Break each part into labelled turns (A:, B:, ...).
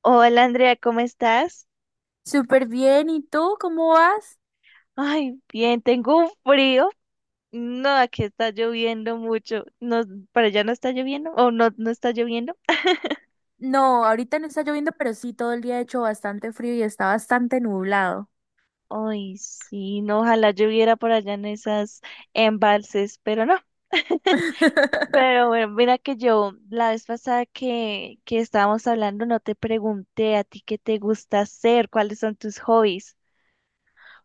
A: Hola Andrea, ¿cómo estás?
B: Súper bien, ¿y tú cómo vas?
A: Ay, bien, tengo un frío. No, aquí está lloviendo mucho. No, ¿para allá no está lloviendo? ¿O no, no está lloviendo?
B: No, ahorita no está lloviendo, pero sí, todo el día ha hecho bastante frío y está bastante nublado.
A: Ay, sí, no, ojalá lloviera por allá en esas embalses, pero no. Pero bueno, mira que yo la vez pasada que estábamos hablando no te pregunté a ti qué te gusta hacer, cuáles son tus hobbies.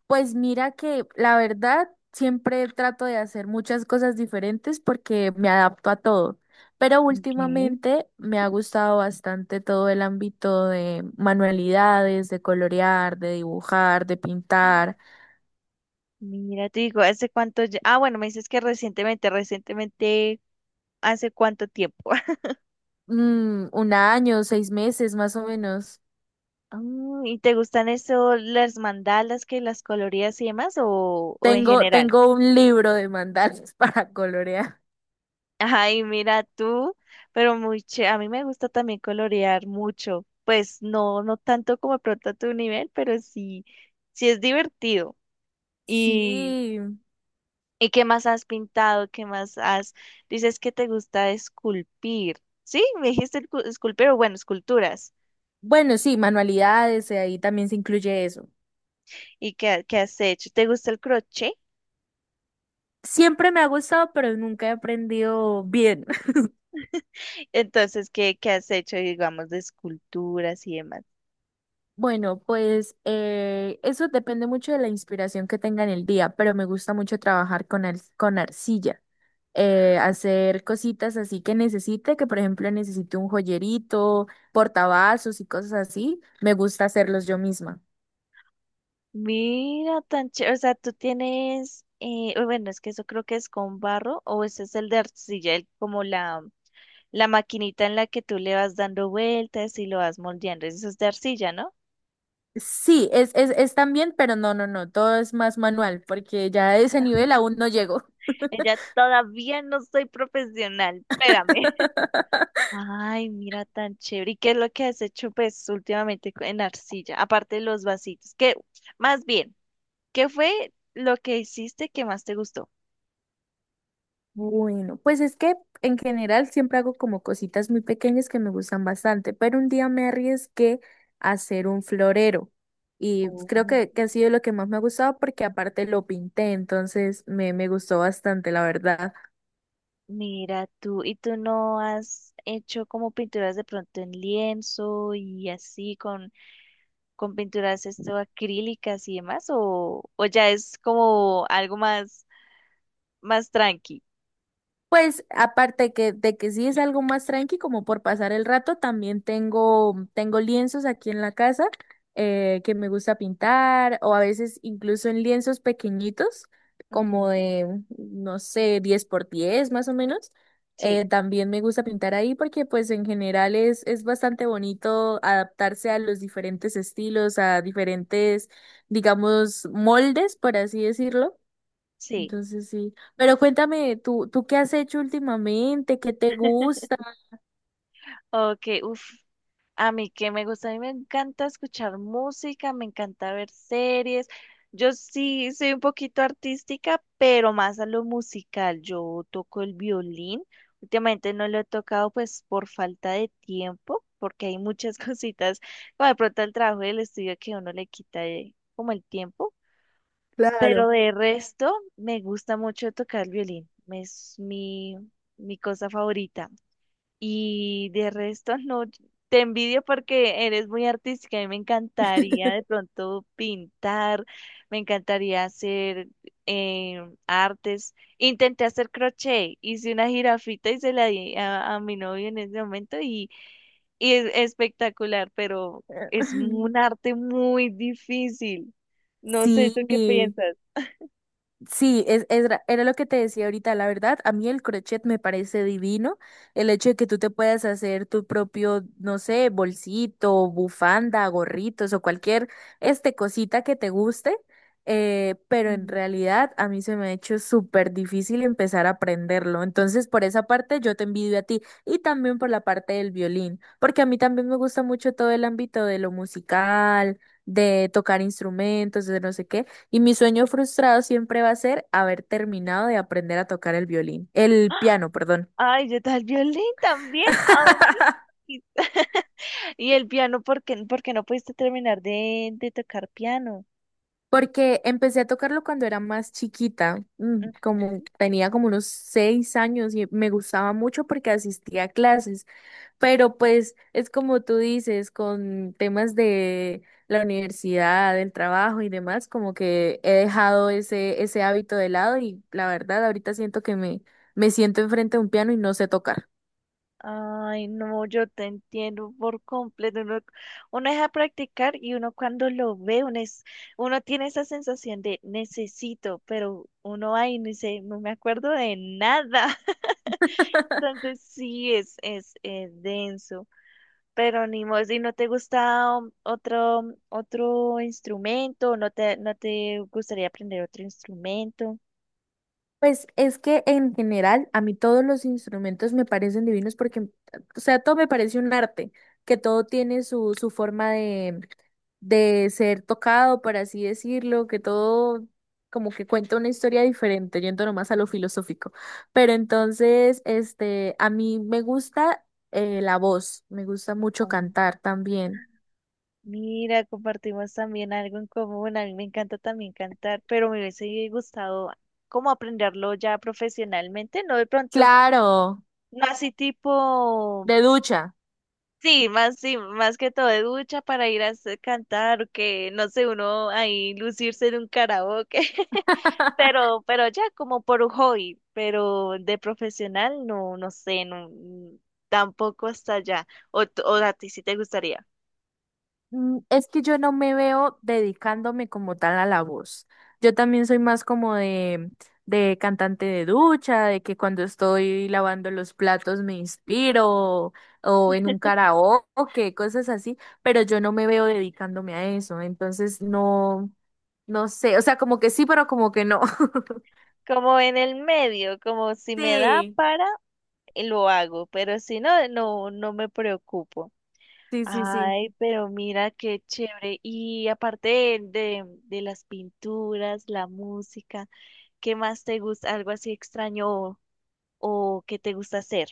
B: Pues mira que la verdad siempre trato de hacer muchas cosas diferentes porque me adapto a todo, pero
A: Ok.
B: últimamente me ha gustado bastante todo el ámbito de manualidades, de colorear, de dibujar, de pintar.
A: Mira, te digo, ¿hace cuánto? Ah, bueno, me dices que recientemente, recientemente. ¿Hace cuánto tiempo?
B: Mm, un año, seis meses más o menos.
A: ¿Y te gustan eso, las mandalas que las colorías y demás o en
B: Tengo,
A: general?
B: tengo un libro de mandalas para colorear.
A: Ay, mira tú, pero a mí me gusta también colorear mucho. Pues no, no tanto como de pronto a tu nivel, pero sí, sí es divertido. ¿Y,
B: Sí,
A: ¿Y qué más has pintado? ¿Qué más has? Dices que te gusta esculpir. Sí, me dijiste esculpir, o bueno, esculturas.
B: bueno, sí, manualidades, ahí también se incluye eso.
A: ¿Y qué has hecho? ¿Te gusta el crochet?
B: Siempre me ha gustado, pero nunca he aprendido bien.
A: Entonces, ¿qué has hecho, digamos, de esculturas y demás?
B: Bueno, pues eso depende mucho de la inspiración que tenga en el día, pero me gusta mucho trabajar con arcilla. Hacer cositas así que necesite, que por ejemplo necesite un joyerito, portavasos y cosas así, me gusta hacerlos yo misma.
A: Mira, tan chévere. O sea, tú tienes, uy, bueno, es que eso creo que es con barro o ese es el de arcilla, como la maquinita en la que tú le vas dando vueltas y lo vas moldeando. Eso es de arcilla, ¿no?
B: Sí, es también, pero no, todo es más manual, porque ya a ese nivel aún no llego.
A: Ella todavía no soy profesional, espérame. Ay, mira, tan chévere. ¿Y qué es lo que has hecho, pues, últimamente en arcilla? Aparte de los vasitos, que, más bien, ¿qué fue lo que hiciste que más te gustó?
B: Bueno, pues es que en general siempre hago como cositas muy pequeñas que me gustan bastante, pero un día me arriesgué a hacer un florero y
A: Oh,
B: creo que ha sido lo que más me ha gustado porque aparte lo pinté, entonces me gustó bastante, la verdad.
A: mira tú, ¿y tú no has hecho como pinturas de pronto en lienzo y así con pinturas esto acrílicas y demás? O ya es como algo más, más tranqui?
B: Pues aparte que, de que sí es algo más tranqui, como por pasar el rato, también tengo lienzos aquí en la casa que me gusta pintar o a veces incluso en lienzos pequeñitos, como
A: Ujú.
B: de, no sé, 10 por 10 más o menos.
A: Sí,
B: También me gusta pintar ahí porque pues en general es bastante bonito adaptarse a los diferentes estilos, a diferentes, digamos, moldes, por así decirlo,
A: sí.
B: entonces sí. Pero cuéntame, ¿tú qué has hecho últimamente? ¿Qué te gusta?
A: Ok, uff. A mí que me gusta, a mí me encanta escuchar música, me encanta ver series. Yo sí soy un poquito artística, pero más a lo musical. Yo toco el violín. Últimamente no lo he tocado pues por falta de tiempo, porque hay muchas cositas, como de pronto el trabajo del estudio que uno le quita como el tiempo. Pero
B: Claro.
A: de resto, me gusta mucho tocar el violín. Es mi, mi cosa favorita. Y de resto, no, te envidio porque eres muy artística y me encantaría de pronto pintar, me encantaría hacer eh, artes. Intenté hacer crochet, hice una jirafita y se la di a mi novio en ese momento y es espectacular, pero es un arte muy difícil. No sé, ¿tú qué
B: Sí.
A: piensas?
B: Sí, era lo que te decía ahorita, la verdad, a mí el crochet me parece divino, el hecho de que tú te puedas hacer tu propio, no sé, bolsito, bufanda, gorritos o cualquier este cosita que te guste, pero en
A: Mm.
B: realidad a mí se me ha hecho súper difícil empezar a aprenderlo, entonces por esa parte yo te envidio a ti y también por la parte del violín, porque a mí también me gusta mucho todo el ámbito de lo musical, de tocar instrumentos, de no sé qué. Y mi sueño frustrado siempre va a ser haber terminado de aprender a tocar el violín, el piano, perdón.
A: Ay, yo tal violín también, a mí. ¿Y el piano? Por qué no pudiste terminar de tocar piano?
B: Porque empecé a tocarlo cuando era más chiquita, como
A: Ujú.
B: tenía como unos seis años y me gustaba mucho porque asistía a clases, pero pues es como tú dices, con temas de la universidad, del trabajo y demás, como que he dejado ese hábito de lado y la verdad ahorita siento que me siento enfrente de un piano y no sé tocar.
A: Ay, no, yo te entiendo por completo. Uno deja practicar y uno cuando lo ve, uno tiene esa sensación de necesito, pero uno ahí no dice, no me acuerdo de nada. Entonces sí es denso. Pero ni modo, si no te gusta otro, otro instrumento, no te gustaría aprender otro instrumento.
B: Pues es que en general a mí todos los instrumentos me parecen divinos porque, o sea, todo me parece un arte, que todo tiene su forma de ser tocado, por así decirlo, que todo como que cuenta una historia diferente, yendo nomás a lo filosófico. Pero entonces, este, a mí me gusta la voz, me gusta mucho cantar también.
A: Mira, compartimos también algo en común. A mí me encanta también cantar, pero me hubiese gustado como aprenderlo ya profesionalmente, no de pronto,
B: Claro,
A: no así tipo,
B: de ducha.
A: sí, más que todo de ducha para ir a cantar, que no sé, uno ahí lucirse en un karaoke, pero ya como por un hobby, pero de profesional no, no sé, no, tampoco hasta allá. O, o a ti sí te gustaría.
B: Mm, es que yo no me veo dedicándome como tal a la voz. Yo también soy más como de cantante de ducha, de que cuando estoy lavando los platos me inspiro, o en un karaoke, cosas así, pero yo no me veo dedicándome a eso. Entonces no, no sé, o sea, como que sí, pero como que no.
A: Como en el medio, como si me da
B: Sí,
A: para, lo hago, pero si no, no me preocupo.
B: sí, sí, sí.
A: Ay, pero mira qué chévere. Y aparte de las pinturas, la música, ¿qué más te gusta? ¿Algo así extraño o que te gusta hacer?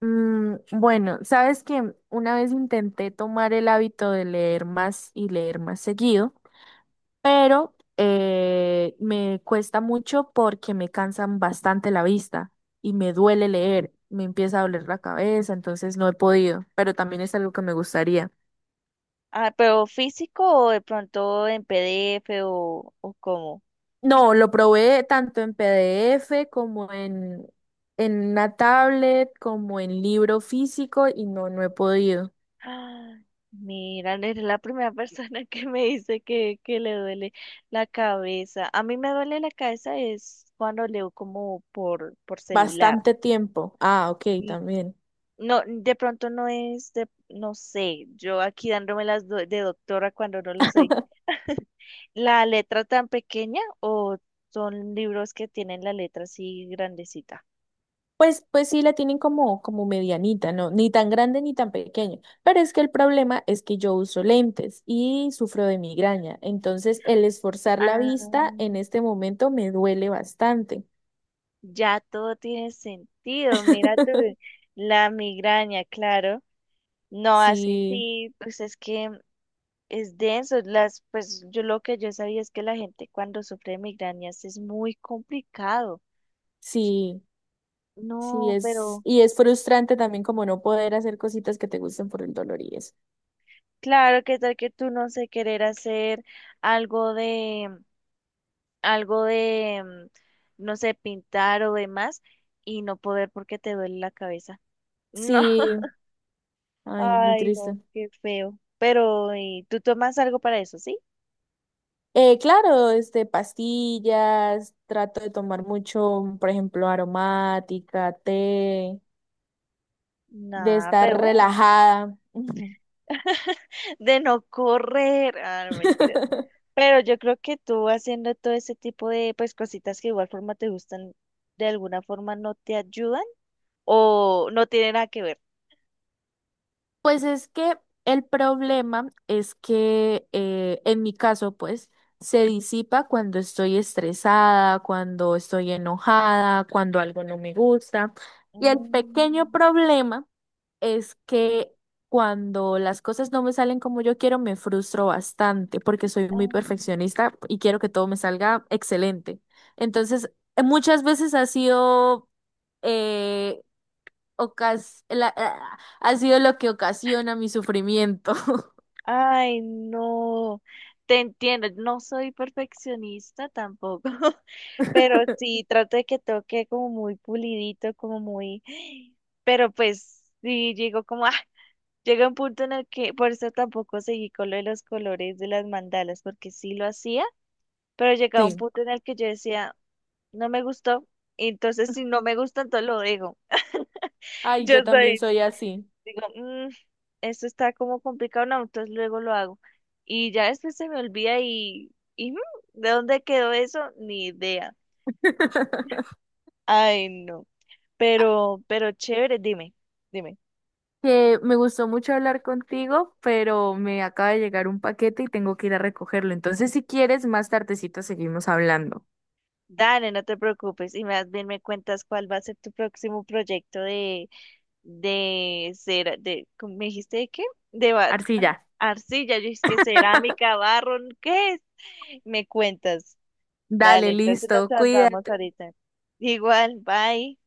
B: Mm, bueno, sabes que una vez intenté tomar el hábito de leer más y leer más seguido. Pero me cuesta mucho porque me cansan bastante la vista y me duele leer, me empieza a doler la cabeza, entonces no he podido, pero también es algo que me gustaría.
A: Ah, pero físico o de pronto en PDF o cómo.
B: No, lo probé tanto en PDF en una tablet, como en libro físico y no, no he podido.
A: Ah, mira, eres la primera persona que me dice que le duele la cabeza. A mí me duele la cabeza es cuando leo como por celular.
B: Bastante tiempo. Ah, ok,
A: Y
B: también.
A: no, de pronto no es de, no sé, yo aquí dándome las de doctora cuando no lo sé. ¿La letra tan pequeña o son libros que tienen la letra así grandecita?
B: Pues sí la tienen como, como medianita, ¿no? Ni tan grande ni tan pequeña. Pero es que el problema es que yo uso lentes y sufro de migraña. Entonces, el esforzar la vista en
A: Ah,
B: este momento me duele bastante.
A: ya todo tiene sentido. Mira tú, la migraña, claro. No, así
B: Sí,
A: sí, pues es que es denso. Las, pues yo lo que yo sabía es que la gente cuando sufre de migrañas es muy complicado.
B: sí, sí
A: No,
B: es,
A: pero
B: y es frustrante también como no poder hacer cositas que te gusten por el dolor y eso.
A: claro que tal que tú no sé querer hacer algo de, algo de, mm, no sé, pintar o demás y no poder porque te duele la cabeza. No,
B: Sí, ay, muy
A: ay, no,
B: triste.
A: qué feo. Pero, ¿y tú tomas algo para eso, sí?
B: Claro, este, pastillas, trato de tomar mucho, por ejemplo, aromática, té. De
A: Nada,
B: estar
A: pero bueno.
B: relajada.
A: De no correr. Ah, no, mentiras. Pero yo creo que tú haciendo todo ese tipo de pues cositas que de igual forma te gustan, de alguna forma no te ayudan o no tiene nada que ver.
B: Pues es que el problema es que en mi caso, pues, se disipa cuando estoy estresada, cuando estoy enojada, cuando algo no me gusta. Y el pequeño
A: Mm,
B: problema es que cuando las cosas no me salen como yo quiero, me frustro bastante porque soy muy
A: ah,
B: perfeccionista y quiero que todo me salga excelente. Entonces, muchas veces ha sido eh, ha sido lo que ocasiona mi sufrimiento.
A: ay, no, te entiendo, no soy perfeccionista tampoco, pero sí trato de que toque como muy pulidito, como muy, pero pues sí llego como, ah, llega un punto en el que por eso tampoco seguí con lo de los colores de las mandalas, porque sí lo hacía pero llegaba un
B: Sí.
A: punto en el que yo decía, no me gustó, y entonces si no me gusta, entonces lo digo.
B: Ay,
A: Yo
B: yo también
A: soy,
B: soy así.
A: digo, "Mm, esto está como complicado, no, entonces luego lo hago. Y ya después se me olvida y mm, ¿de dónde quedó eso? Ni idea. Ay, no, pero chévere, dime, dime.
B: Que me gustó mucho hablar contigo, pero me acaba de llegar un paquete y tengo que ir a recogerlo. Entonces, si quieres, más tardecito seguimos hablando.
A: Dale, no te preocupes, y más bien me cuentas cuál va a ser tu próximo proyecto de cera, de, ¿cómo? ¿Me dijiste de qué? De ba-
B: Arcilla.
A: Arcilla, yo es que cerámica, barro, ¿qué es? Me cuentas. Dale,
B: Dale,
A: entonces nos
B: listo,
A: andamos
B: cuídate.
A: ahorita. Igual, bye.